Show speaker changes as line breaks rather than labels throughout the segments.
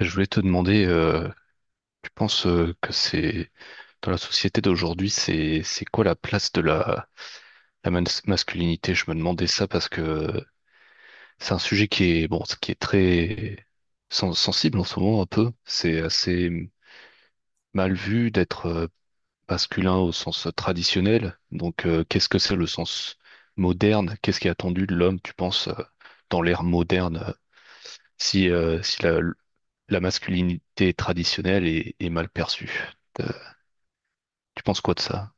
Je voulais te demander, tu penses que c'est dans la société d'aujourd'hui, c'est quoi la place de la masculinité? Je me demandais ça parce que c'est un sujet qui est bon, qui est très sensible en ce moment un peu. C'est assez mal vu d'être masculin au sens traditionnel. Donc, qu'est-ce que c'est le sens moderne? Qu'est-ce qui est attendu de l'homme, tu penses, dans l'ère moderne, si la masculinité traditionnelle est mal perçue? Tu penses quoi de ça?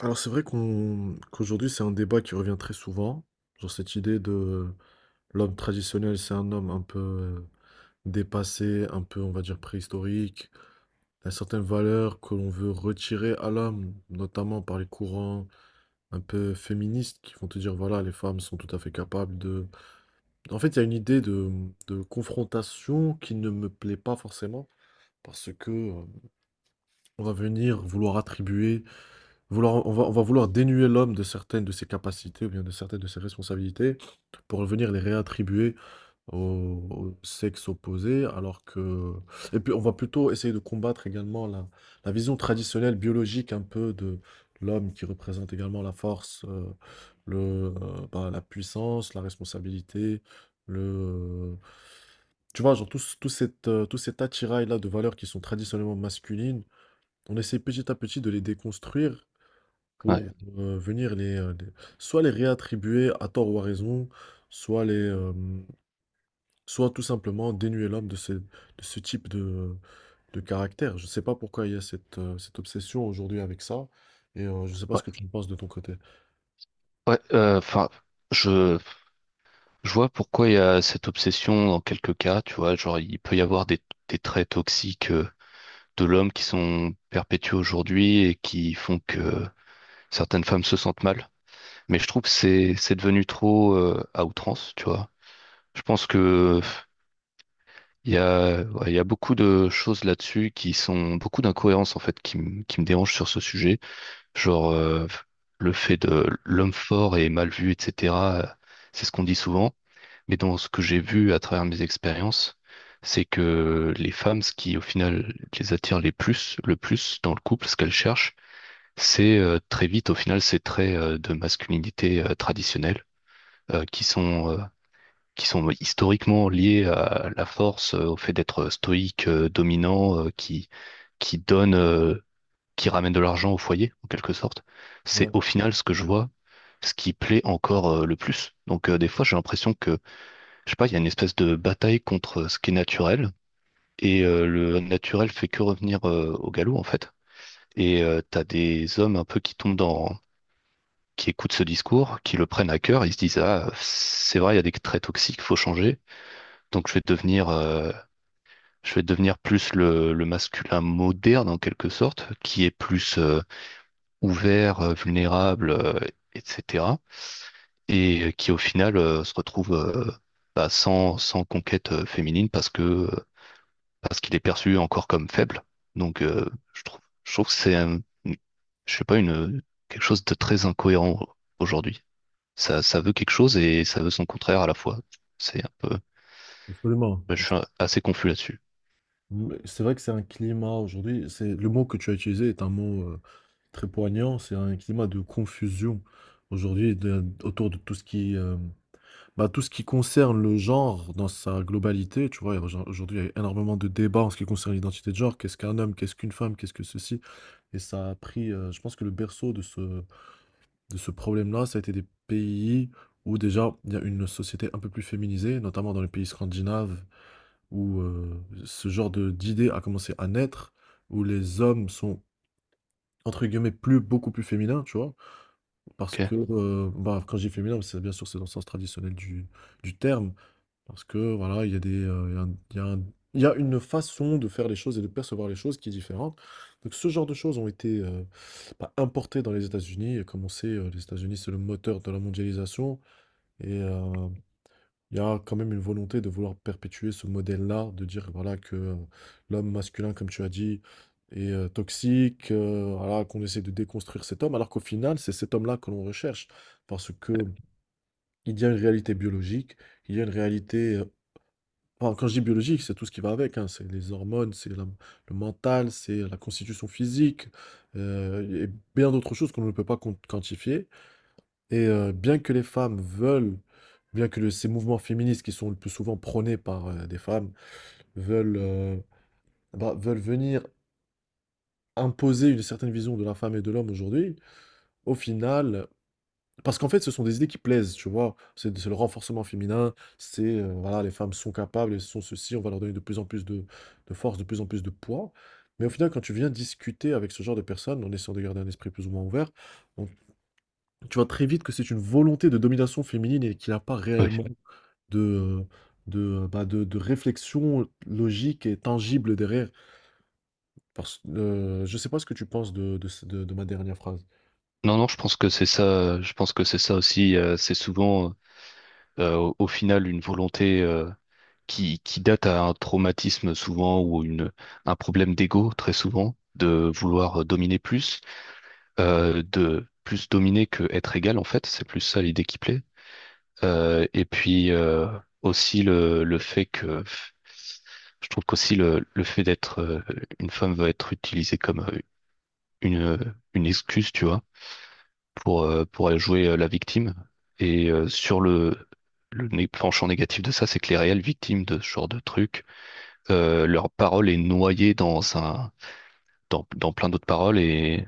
Alors c'est vrai qu'on qu'aujourd'hui c'est un débat qui revient très souvent, genre cette idée de l'homme traditionnel, c'est un homme un peu dépassé, un peu on va dire préhistorique. Il y a certaines valeurs que l'on veut retirer à l'homme, notamment par les courants un peu féministes qui vont te dire voilà, les femmes sont tout à fait capables de... En fait il y a une idée de confrontation qui ne me plaît pas forcément parce que on va venir vouloir attribuer... Vouloir, on va vouloir dénuer l'homme de certaines de ses capacités ou bien de certaines de ses responsabilités pour venir les réattribuer au sexe opposé, alors que... Et puis on va plutôt essayer de combattre également la vision traditionnelle biologique un peu de l'homme, qui représente également la force, le, la puissance, la responsabilité, le... Tu vois, genre tout, tout tout cet attirail-là de valeurs qui sont traditionnellement masculines, on essaie petit à petit de les déconstruire
Ouais,
pour, venir les... Soit les réattribuer à tort ou à raison, soit soit tout simplement dénuer l'homme de ce type de caractère. Je ne sais pas pourquoi il y a cette obsession aujourd'hui avec ça, et je ne sais pas ce
ouais,
que tu en penses de ton côté?
ouais. Enfin, je, je vois pourquoi il y a cette obsession dans quelques cas. Tu vois, genre il peut y avoir des traits toxiques de l'homme qui sont perpétués aujourd'hui et qui font que certaines femmes se sentent mal. Mais je trouve que c'est devenu trop à outrance. Tu vois, je pense que il y a ouais, il y a beaucoup de choses là-dessus qui sont beaucoup d'incohérences en fait qui me dérangent sur ce sujet. Genre, le fait de l'homme fort est mal vu, etc., euh, c'est ce qu'on dit souvent. Mais dans ce que j'ai vu à travers mes expériences, c'est que les femmes, ce qui au final les attire les plus, le plus dans le couple, ce qu'elles cherchent, c'est très vite au final ces traits de masculinité traditionnelle euh, qui sont euh, qui sont historiquement liés à la force, au fait d'être stoïque, dominant, qui donne qui ramène de l'argent au foyer, en quelque sorte, c'est
Ouais,
au final ce que je vois, ce qui plaît encore le plus. Donc des fois, j'ai l'impression que, je sais pas, il y a une espèce de bataille contre ce qui est naturel, et le naturel fait que revenir au galop, en fait. Et t'as des hommes un peu qui tombent dans, qui écoutent ce discours, qui le prennent à cœur, ils se disent, ah, c'est vrai, il y a des traits toxiques, faut changer, donc je vais devenir plus le masculin moderne en quelque sorte, qui est plus ouverts, vulnérables, etc. Et qui au final se retrouve bah, sans conquête féminine parce qu'il est perçu encore comme faible. Donc je trouve que c'est je sais pas une quelque chose de très incohérent aujourd'hui. Ça veut quelque chose et ça veut son contraire à la fois. C'est un peu.
absolument,
Je
abs...
suis assez confus là-dessus.
Mais c'est vrai que c'est un climat aujourd'hui, c'est le mot que tu as utilisé, est un mot, très poignant, c'est un climat de confusion aujourd'hui, de autour de tout ce qui... Bah, tout ce qui concerne le genre dans sa globalité, tu vois. Aujourd'hui, il y a énormément de débats en ce qui concerne l'identité de genre. Qu'est-ce qu'un homme? Qu'est-ce qu'une femme? Qu'est-ce que ceci? Et ça a pris, je pense que le berceau de ce problème-là, ça a été des pays où déjà il y a une société un peu plus féminisée, notamment dans les pays scandinaves, où ce genre d'idée a commencé à naître, où les hommes sont, entre guillemets, plus, beaucoup plus féminins, tu vois. Parce
Ok.
que, quand je dis féminin, c'est bien sûr, c'est dans le sens traditionnel du terme, parce que voilà, il y a... il y a une façon de faire les choses et de percevoir les choses qui est différente. Donc ce genre de choses ont été bah, importées dans les États-Unis. Et comme on sait, les États-Unis, c'est le moteur de la mondialisation. Et il y a quand même une volonté de vouloir perpétuer ce modèle-là, de dire voilà, que l'homme masculin, comme tu as dit, est toxique, voilà, qu'on essaie de déconstruire cet homme, alors qu'au final, c'est cet homme-là que l'on recherche. Parce que il y a une réalité biologique, il y a une réalité... Bon, quand je dis biologique, c'est tout ce qui va avec, hein. C'est les hormones, le mental, c'est la constitution physique, et bien d'autres choses qu'on ne peut pas quantifier. Et bien que les femmes veulent, bien que ces mouvements féministes qui sont le plus souvent prônés par des femmes veulent, veulent venir imposer une certaine vision de la femme et de l'homme aujourd'hui, au final... Parce qu'en fait, ce sont des idées qui plaisent, tu vois? C'est le renforcement féminin, c'est, voilà, les femmes sont capables, elles sont ceci, on va leur donner de plus en plus de force, de plus en plus de poids. Mais au final, quand tu viens discuter avec ce genre de personnes, en essayant de garder un esprit plus ou moins ouvert, on tu vois très vite que c'est une volonté de domination féminine, et qu'il y a pas
Oui.
réellement de, euh, de, de réflexion logique et tangible derrière. Parce Je sais pas ce que tu penses de ce de ma dernière phrase.
Non, non, je pense que c'est ça. Je pense que c'est ça aussi. C'est souvent, au final, une volonté. Qui date à un traumatisme souvent ou une, un problème d'ego très souvent, de vouloir dominer plus, de plus dominer que être égal en fait, c'est plus ça l'idée qui plaît. Et puis aussi le fait que je trouve qu'aussi le fait d'être une femme va être utilisé comme une, euh, une excuse, tu vois, pour aller jouer la victime. Et sur le penchant négatif de ça, c'est que les réelles victimes de ce genre de truc leur parole est noyée dans plein d'autres paroles et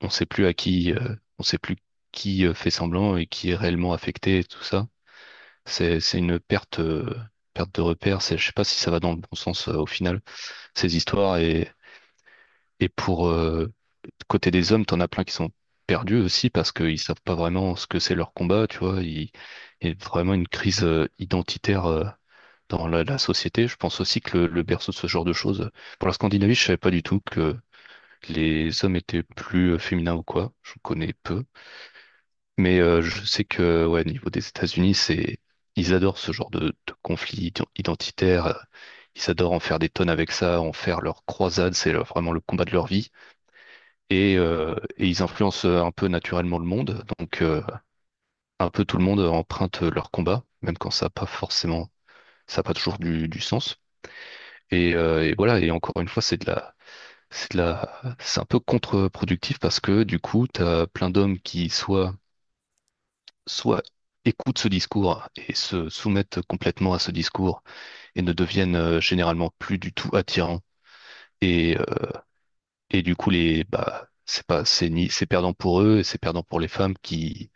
on sait plus on sait plus qui fait semblant et qui est réellement affecté et tout ça. C'est une perte de repère. Je sais pas si ça va dans le bon sens au final, ces histoires et côté des hommes, t'en as plein qui sont perdus aussi parce qu'ils savent pas vraiment ce que c'est leur combat, tu vois. Il y a vraiment une crise identitaire dans la société. Je pense aussi que le berceau de ce genre de choses. Pour la Scandinavie, je savais pas du tout que les hommes étaient plus féminins ou quoi. Je connais peu. Mais je sais que, ouais, au niveau des États-Unis, c'est, ils adorent ce genre de conflit identitaire. Ils adorent en faire des tonnes avec ça, en faire leur croisade. C'est vraiment le combat de leur vie. Et ils influencent un peu naturellement le monde. Donc, un peu tout le monde emprunte leur combat, même quand ça n'a pas toujours du sens. Et voilà, et encore une fois, c'est un peu contre-productif parce que du coup, tu as plein d'hommes qui soit écoutent ce discours et se soumettent complètement à ce discours et ne deviennent généralement plus du tout attirants. Et, euh, et du coup, bah, c'est pas, c'est ni, c'est perdant pour eux et c'est perdant pour les femmes qui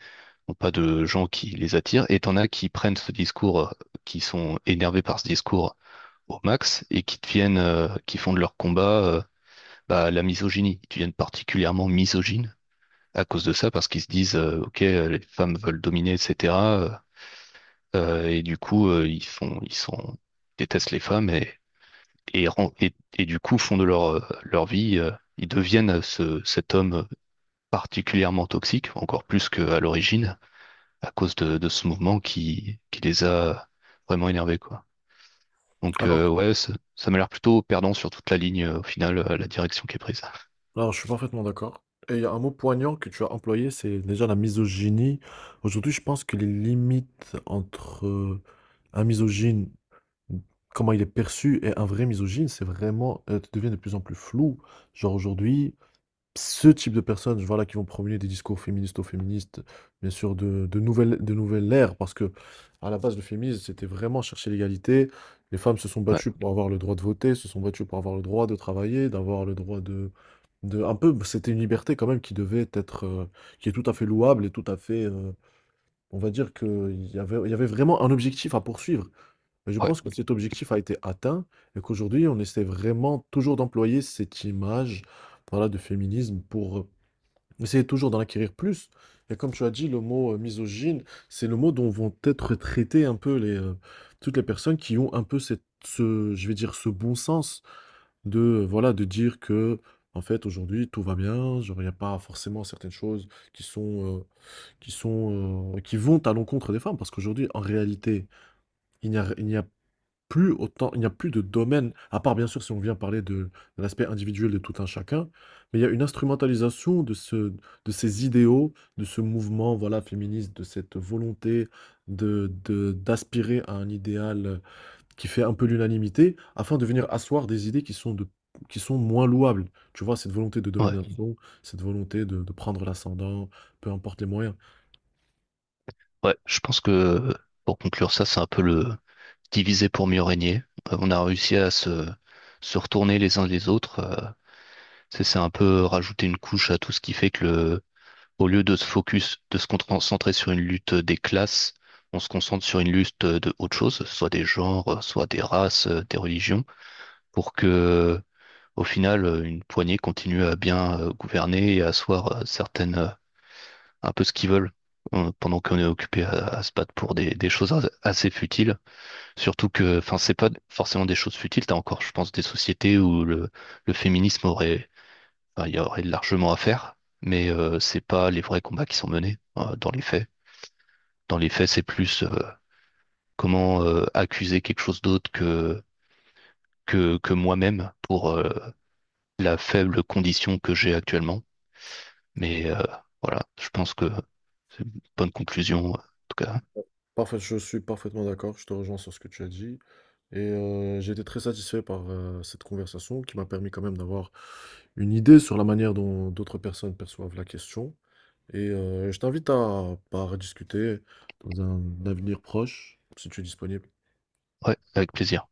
n'ont pas de gens qui les attirent. Et t'en as qui prennent ce discours, qui sont énervés par ce discours au max et qui font de leur combat, bah, la misogynie. Ils deviennent particulièrement misogynes à cause de ça, parce qu'ils se disent, OK, les femmes veulent dominer, etc. euh, et du coup, ils font, ils sont, ils détestent les femmes et du coup font de leur vie, ils deviennent cet homme particulièrement toxique, encore plus qu'à l'origine, à cause de ce mouvement qui les a vraiment énervés, quoi. Donc, ouais, ça m'a l'air plutôt perdant sur toute la ligne, au final, la direction qui est prise.
Alors, je suis parfaitement d'accord. Et il y a un mot poignant que tu as employé, c'est déjà la misogynie. Aujourd'hui, je pense que les limites entre un misogyne, comment il est perçu, et un vrai misogyne, c'est vraiment, devient de plus en plus flou. Genre aujourd'hui, ce type de personnes, voilà, qui vont promener des discours féministes aux féministes, bien sûr, de nouvelles ère, parce que à la base, le féminisme, c'était vraiment chercher l'égalité. Les femmes se sont
Ouais,
battues pour avoir le droit de voter, se sont battues pour avoir le droit de travailler, d'avoir le droit de, un peu, c'était une liberté quand même qui devait être, qui est tout à fait louable et tout à fait, on va dire il y avait vraiment un objectif à poursuivre. Et je
ouais,
pense que cet objectif a été atteint et qu'aujourd'hui, on essaie vraiment toujours d'employer cette image, voilà, de féminisme pour... Essayez toujours d'en acquérir plus. Et comme tu as dit, le mot misogyne, c'est le mot dont vont être traitées un peu toutes les personnes qui ont un peu ce, je vais dire, ce bon sens de, voilà, de dire que, en fait, aujourd'hui, tout va bien, genre, il n'y a pas forcément certaines choses qui sont, euh, qui sont, qui vont à l'encontre des femmes. Parce qu'aujourd'hui, en réalité, il n'y a plus autant, il n'y a plus de domaine, à part bien sûr si on vient parler de l'aspect individuel de tout un chacun, mais il y a une instrumentalisation de ce, de ces idéaux, de ce mouvement, voilà, féministe, de cette volonté d'aspirer à un idéal qui fait un peu l'unanimité, afin de venir asseoir des idées qui sont qui sont moins louables. Tu vois, cette volonté de
ouais.
domination, cette volonté de prendre l'ascendant, peu importe les moyens.
Ouais, je pense que pour conclure ça, c'est un peu le diviser pour mieux régner. On a réussi à se retourner les uns les autres. C'est un peu rajouter une couche à tout ce qui fait que au lieu de se concentrer sur une lutte des classes, on se concentre sur une lutte de autre chose, soit des genres, soit des races, des religions, pour que au final une poignée continue à bien gouverner et à asseoir certaines un peu ce qu'ils veulent pendant qu'on est occupé à se battre pour des choses assez futiles. Surtout que, enfin, c'est pas forcément des choses futiles. T'as encore, je pense, des sociétés où le féminisme aurait, enfin, il y aurait largement à faire, mais c'est pas les vrais combats qui sont menés dans les faits. Dans les faits, c'est plus comment accuser quelque chose d'autre que moi-même pour la faible condition que j'ai actuellement. Mais voilà, je pense que c'est une bonne conclusion, en tout cas.
Parfait, je suis parfaitement d'accord, je te rejoins sur ce que tu as dit. Et j'ai été très satisfait par cette conversation, qui m'a permis quand même d'avoir une idée sur la manière dont d'autres personnes perçoivent la question. Et je t'invite à, bah, à rediscuter dans un avenir proche, si tu es disponible.
Ouais, avec plaisir.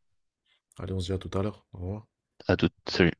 Allez, on se dit à tout à l'heure. Au revoir.
À toutes. Salut.